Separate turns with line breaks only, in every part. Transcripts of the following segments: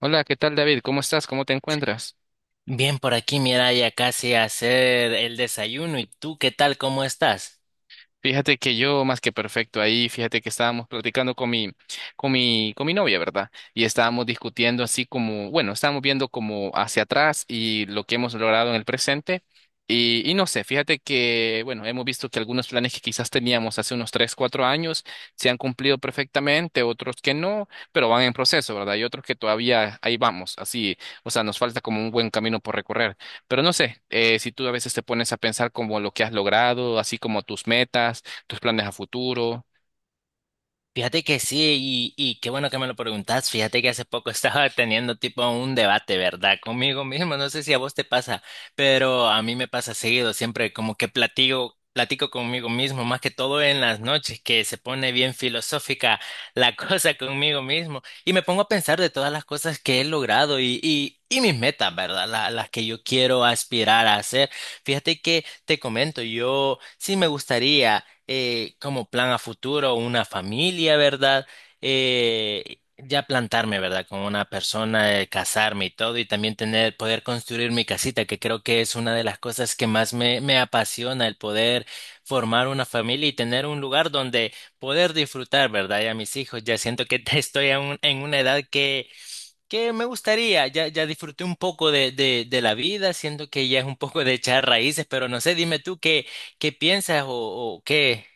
Hola, ¿qué tal, David? ¿Cómo estás? ¿Cómo te encuentras?
Bien, por aquí, mira, ya casi a hacer el desayuno. ¿Y tú qué tal? ¿Cómo estás?
Fíjate que yo más que perfecto ahí, fíjate que estábamos platicando con mi, con mi novia, ¿verdad? Y estábamos discutiendo así como, bueno, estábamos viendo como hacia atrás y lo que hemos logrado en el presente. Y no sé, fíjate que, bueno, hemos visto que algunos planes que quizás teníamos hace unos 3, 4 años se han cumplido perfectamente, otros que no, pero van en proceso, ¿verdad? Y otros que todavía ahí vamos, así, o sea, nos falta como un buen camino por recorrer. Pero no sé, si tú a veces te pones a pensar como lo que has logrado, así como tus metas, tus planes a futuro.
Fíjate que sí, y qué bueno que me lo preguntas. Fíjate que hace poco estaba teniendo tipo un debate, ¿verdad? Conmigo mismo. No sé si a vos te pasa, pero a mí me pasa seguido. Siempre como que platico conmigo mismo, más que todo en las noches, que se pone bien filosófica la cosa conmigo mismo. Y me pongo a pensar de todas las cosas que he logrado y mis metas, ¿verdad? Las que yo quiero aspirar a hacer. Fíjate que te comento, yo sí me gustaría como plan a futuro una familia, ¿verdad? Ya plantarme, ¿verdad? Con una persona, casarme y todo, y también poder construir mi casita, que creo que es una de las cosas que más me apasiona, el poder formar una familia y tener un lugar donde poder disfrutar, ¿verdad? Y a mis hijos, ya siento que estoy en una edad que me gustaría, ya, ya disfruté un poco de la vida, siento que ya es un poco de echar raíces, pero no sé, dime tú qué piensas o qué.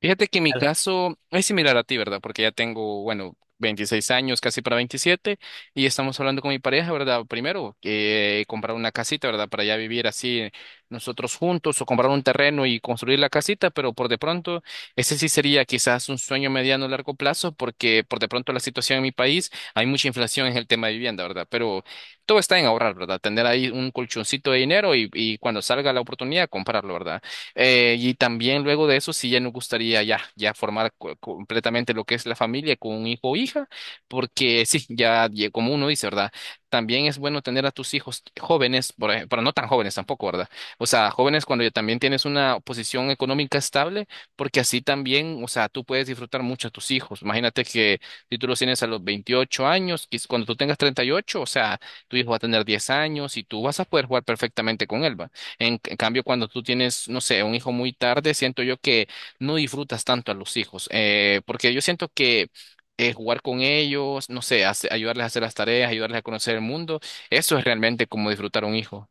Fíjate que mi caso es similar a ti, ¿verdad? Porque ya tengo, bueno, 26 años, casi para 27, y estamos hablando con mi pareja, ¿verdad? Primero, que comprar una casita, ¿verdad? Para ya vivir así nosotros juntos o comprar un terreno y construir la casita, pero por de pronto, ese sí sería quizás un sueño mediano a largo plazo, porque por de pronto la situación en mi país, hay mucha inflación en el tema de vivienda, ¿verdad? Pero todo está en ahorrar, ¿verdad? Tener ahí un colchoncito de dinero y cuando salga la oportunidad, comprarlo, ¿verdad? Y también luego de eso, sí, ya nos gustaría ya, ya formar completamente lo que es la familia con un hijo o hija, porque sí, ya como uno dice, ¿verdad? También es bueno tener a tus hijos jóvenes, por pero no tan jóvenes tampoco, ¿verdad? O sea, jóvenes cuando ya también tienes una posición económica estable, porque así también, o sea, tú puedes disfrutar mucho a tus hijos. Imagínate que si tú los tienes a los 28 años, cuando tú tengas 38, o sea, tu hijo va a tener 10 años y tú vas a poder jugar perfectamente con él, ¿va? En cambio, cuando tú tienes, no sé, un hijo muy tarde, siento yo que no disfrutas tanto a los hijos, porque yo siento que jugar con ellos, no sé, ayudarles a hacer las tareas, ayudarles a conocer el mundo, eso es realmente como disfrutar a un hijo.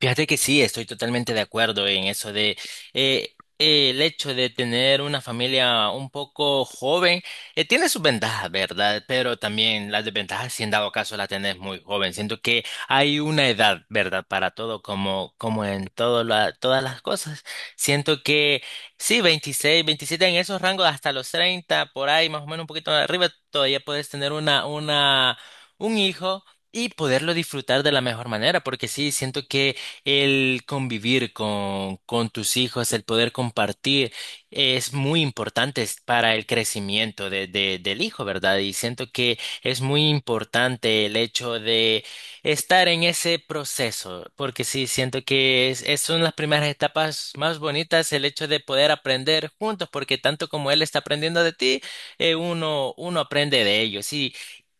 Fíjate que sí, estoy totalmente de acuerdo en eso de el hecho de tener una familia un poco joven, tiene sus ventajas, ¿verdad? Pero también las desventajas, si en dado caso la tenés muy joven. Siento que hay una edad, ¿verdad? Para todo, como en todo todas las cosas. Siento que sí, 26, 27 en esos rangos, hasta los 30 por ahí, más o menos un poquito arriba, todavía puedes tener una, un hijo y poderlo disfrutar de la mejor manera, porque sí, siento que el convivir con tus hijos, el poder compartir, es muy importante es para el crecimiento del hijo, ¿verdad? Y siento que es muy importante el hecho de estar en ese proceso, porque sí, siento que son las primeras etapas más bonitas, el hecho de poder aprender juntos, porque tanto como él está aprendiendo de ti, uno aprende de ellos.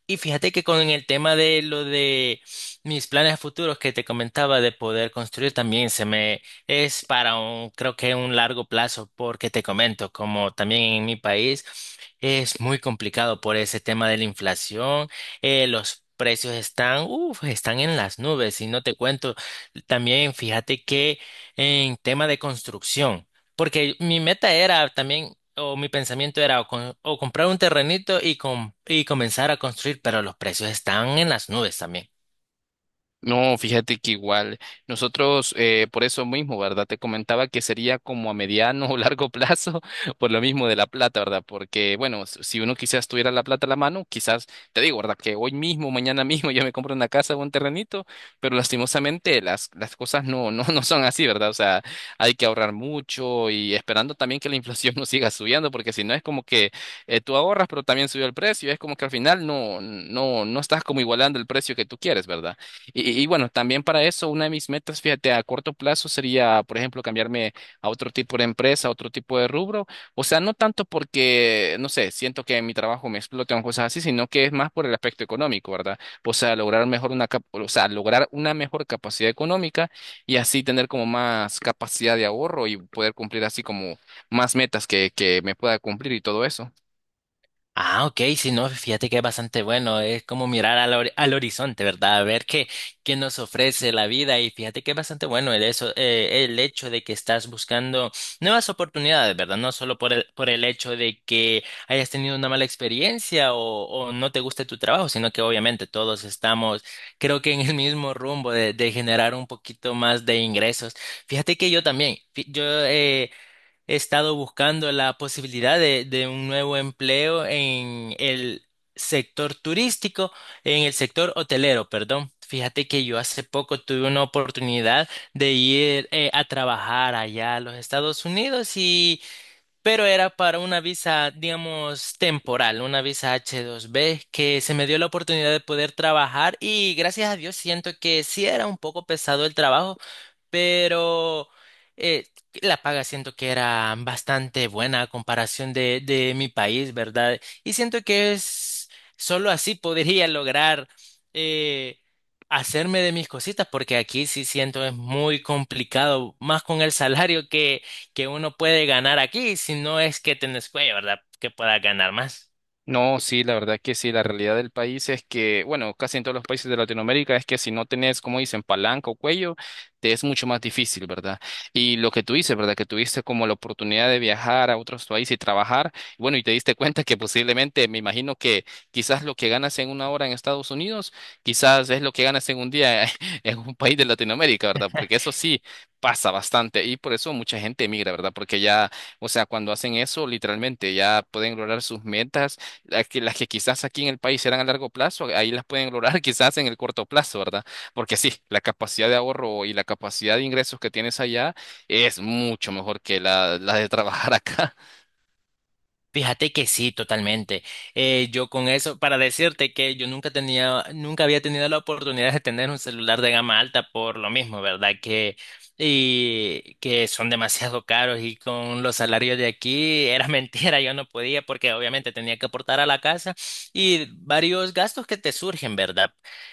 Y fíjate que con el tema de lo de mis planes futuros que te comentaba de poder construir también se me es para creo que un largo plazo, porque te comento, como también en mi país es muy complicado por ese tema de la inflación, los precios están en las nubes y no te cuento. También fíjate que en tema de construcción, porque mi meta era también o mi pensamiento era o, con- o comprar un terrenito y comenzar a construir, pero los precios están en las nubes también.
No, fíjate que igual nosotros, por eso mismo, ¿verdad? Te comentaba que sería como a mediano o largo plazo, por lo mismo de la plata, ¿verdad? Porque, bueno, si uno quizás tuviera la plata a la mano, quizás, te digo, ¿verdad? Que hoy mismo, mañana mismo, yo me compro una casa o un terrenito, pero lastimosamente las cosas no, no, no son así, ¿verdad? O sea, hay que ahorrar mucho y esperando también que la inflación no siga subiendo, porque si no es como que tú ahorras, pero también subió el precio, es como que al final no, no, no estás como igualando el precio que tú quieres, ¿verdad? Y bueno, también para eso, una de mis metas, fíjate, a corto plazo sería, por ejemplo, cambiarme a otro tipo de empresa, a otro tipo de rubro. O sea, no tanto porque, no sé, siento que en mi trabajo me explotan cosas así, sino que es más por el aspecto económico, ¿verdad? O sea, lograr mejor una, o sea, lograr una mejor capacidad económica y así tener como más capacidad de ahorro y poder cumplir así como más metas que me pueda cumplir y todo eso.
Ah, ok, si no, fíjate que es bastante bueno, es como mirar al horizonte, ¿verdad? A ver qué nos ofrece la vida y fíjate que es bastante bueno el hecho de que estás buscando nuevas oportunidades, ¿verdad? No solo por el hecho de que hayas tenido una mala experiencia o no te guste tu trabajo, sino que obviamente todos estamos, creo que en el mismo rumbo de generar un poquito más de ingresos. Fíjate que yo también, he estado buscando la posibilidad de un nuevo empleo en el sector turístico, en el sector hotelero, perdón. Fíjate que yo hace poco tuve una oportunidad de ir a trabajar allá a los Estados Unidos pero era para una visa, digamos, temporal, una visa H2B que se me dio la oportunidad de poder trabajar y gracias a Dios siento que sí era un poco pesado el trabajo pero eh, la paga siento que era bastante buena a comparación de mi país, ¿verdad? Y siento que es solo así podría lograr eh, hacerme de mis cositas, porque aquí sí siento es muy complicado, más con el salario que uno puede ganar aquí, si no es que tenés cuello, ¿verdad? Que pueda ganar más.
No, sí, la verdad que sí, la realidad del país es que, bueno, casi en todos los países de Latinoamérica es que si no tenés, como dicen, palanca o cuello, te es mucho más difícil, ¿verdad? Y lo que tú dices, ¿verdad? Que tuviste como la oportunidad de viajar a otros países y trabajar, bueno, y te diste cuenta que posiblemente, me imagino que quizás lo que ganas en una hora en Estados Unidos, quizás es lo que ganas en un día en un país de Latinoamérica, ¿verdad? Porque eso sí pasa bastante y por eso mucha gente emigra, ¿verdad? Porque ya, o sea, cuando hacen eso, literalmente ya pueden lograr sus metas las que quizás aquí en el país eran a largo plazo, ahí las pueden lograr quizás en el corto plazo, ¿verdad? Porque sí, la capacidad de ahorro y la capacidad de ingresos que tienes allá es mucho mejor que la de trabajar acá.
Fíjate que sí, totalmente. Yo con eso, para decirte que yo nunca había tenido la oportunidad de tener un celular de gama alta por lo mismo, ¿verdad? Y que son demasiado caros y con los salarios de aquí era mentira, yo no podía porque obviamente tenía que aportar a la casa y varios gastos que te surgen, ¿verdad?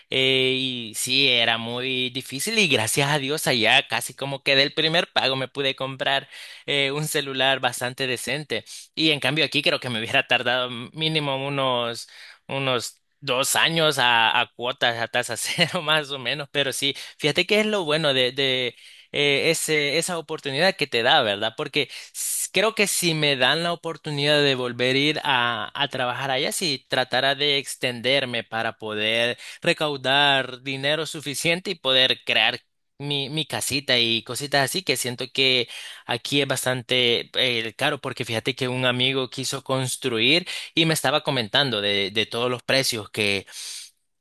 Y sí, era muy difícil y gracias a Dios allá casi como que del primer pago me pude comprar un celular bastante decente. Y en cambio aquí creo que me hubiera tardado mínimo unos 2 años a cuotas, a tasa cero más o menos, pero sí, fíjate que es lo bueno esa oportunidad que te da, ¿verdad? Porque creo que si me dan la oportunidad de volver a ir a trabajar allá, si tratara de extenderme para poder recaudar dinero suficiente y poder crear mi casita y cositas así, que siento que aquí es bastante caro porque fíjate que un amigo quiso construir y me estaba comentando de todos los precios que,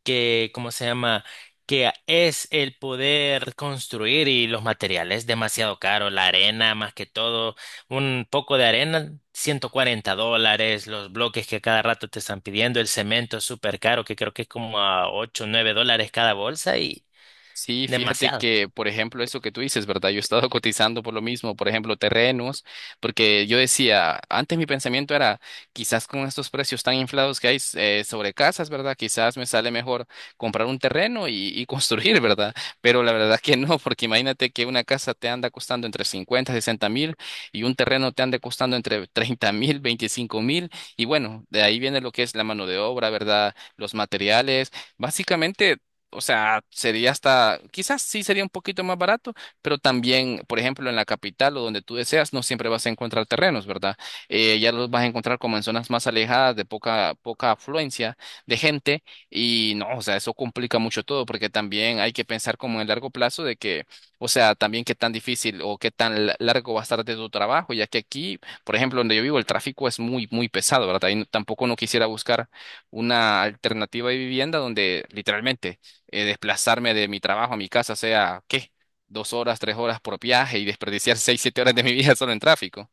que, ¿cómo se llama? Es el poder construir y los materiales demasiado caro, la arena más que todo, un poco de arena, 140 dólares, los bloques que a cada rato te están pidiendo, el cemento es súper caro, que creo que es como a 8 o 9 dólares cada bolsa y
Sí, fíjate
demasiado.
que, por ejemplo, eso que tú dices, ¿verdad? Yo he estado cotizando por lo mismo, por ejemplo, terrenos, porque yo decía, antes mi pensamiento era, quizás con estos precios tan inflados que hay sobre casas, ¿verdad? Quizás me sale mejor comprar un terreno y construir, ¿verdad? Pero la verdad que no, porque imagínate que una casa te anda costando entre 50, 60 mil y un terreno te anda costando entre 30 mil, 25 mil, y bueno, de ahí viene lo que es la mano de obra, ¿verdad? Los materiales. Básicamente, o sea, sería hasta, quizás sí sería un poquito más barato, pero también, por ejemplo, en la capital o donde tú deseas, no siempre vas a encontrar terrenos, ¿verdad? Ya los vas a encontrar como en zonas más alejadas de poca, poca afluencia de gente y no, o sea, eso complica mucho todo porque también hay que pensar como en largo plazo de que, o sea, también qué tan difícil o qué tan largo va a estar de tu trabajo, ya que aquí, por ejemplo, donde yo vivo, el tráfico es muy, muy pesado, ¿verdad? Y tampoco no quisiera buscar una alternativa de vivienda donde literalmente desplazarme de mi trabajo a mi casa sea, ¿qué? Dos horas, tres horas por viaje y desperdiciar seis, siete horas de mi vida solo en tráfico.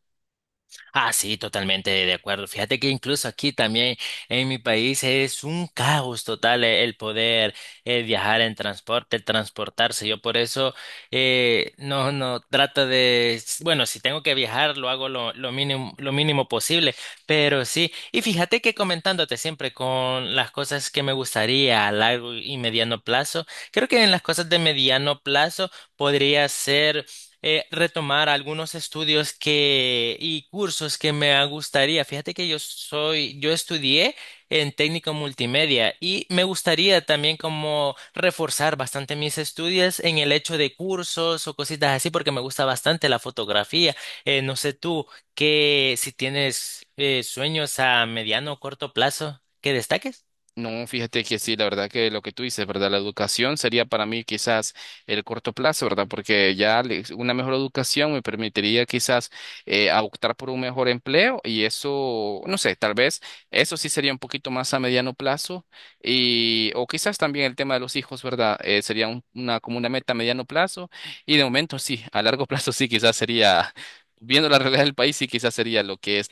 Ah, sí, totalmente de acuerdo. Fíjate que incluso aquí también en mi país es un caos total el poder viajar en transporte, transportarse. Yo por eso no, no trato de, bueno, si tengo que viajar, lo hago lo mínimo, lo mínimo posible, pero sí. Y fíjate que comentándote siempre con las cosas que me gustaría a largo y mediano plazo, creo que en las cosas de mediano plazo podría ser retomar algunos estudios que y cursos que me gustaría. Fíjate que yo estudié en técnico multimedia y me gustaría también como reforzar bastante mis estudios en el hecho de cursos o cositas así porque me gusta bastante la fotografía. No sé tú que si tienes sueños a mediano o corto plazo que destaques.
No, fíjate que sí, la verdad que lo que tú dices, ¿verdad? La educación sería para mí quizás el corto plazo, ¿verdad? Porque ya una mejor educación me permitiría quizás a optar por un mejor empleo y eso, no sé, tal vez eso sí sería un poquito más a mediano plazo y o quizás también el tema de los hijos, ¿verdad? Sería una como una meta a mediano plazo y de momento sí, a largo plazo sí, quizás sería, viendo la realidad del país, sí, quizás sería lo que es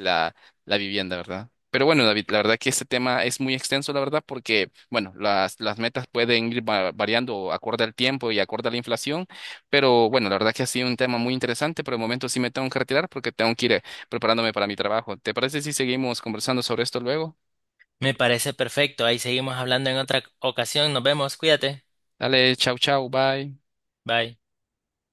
la vivienda, ¿verdad? Pero bueno, David, la verdad que este tema es muy extenso, la verdad, porque, bueno, las metas pueden ir variando acorde al tiempo y acorde a la inflación, pero bueno, la verdad que ha sido un tema muy interesante. Por el momento sí me tengo que retirar porque tengo que ir preparándome para mi trabajo. ¿Te parece si seguimos conversando sobre esto luego?
Me parece perfecto. Ahí seguimos hablando en otra ocasión. Nos vemos. Cuídate.
Dale, chau, chau, bye.
Bye.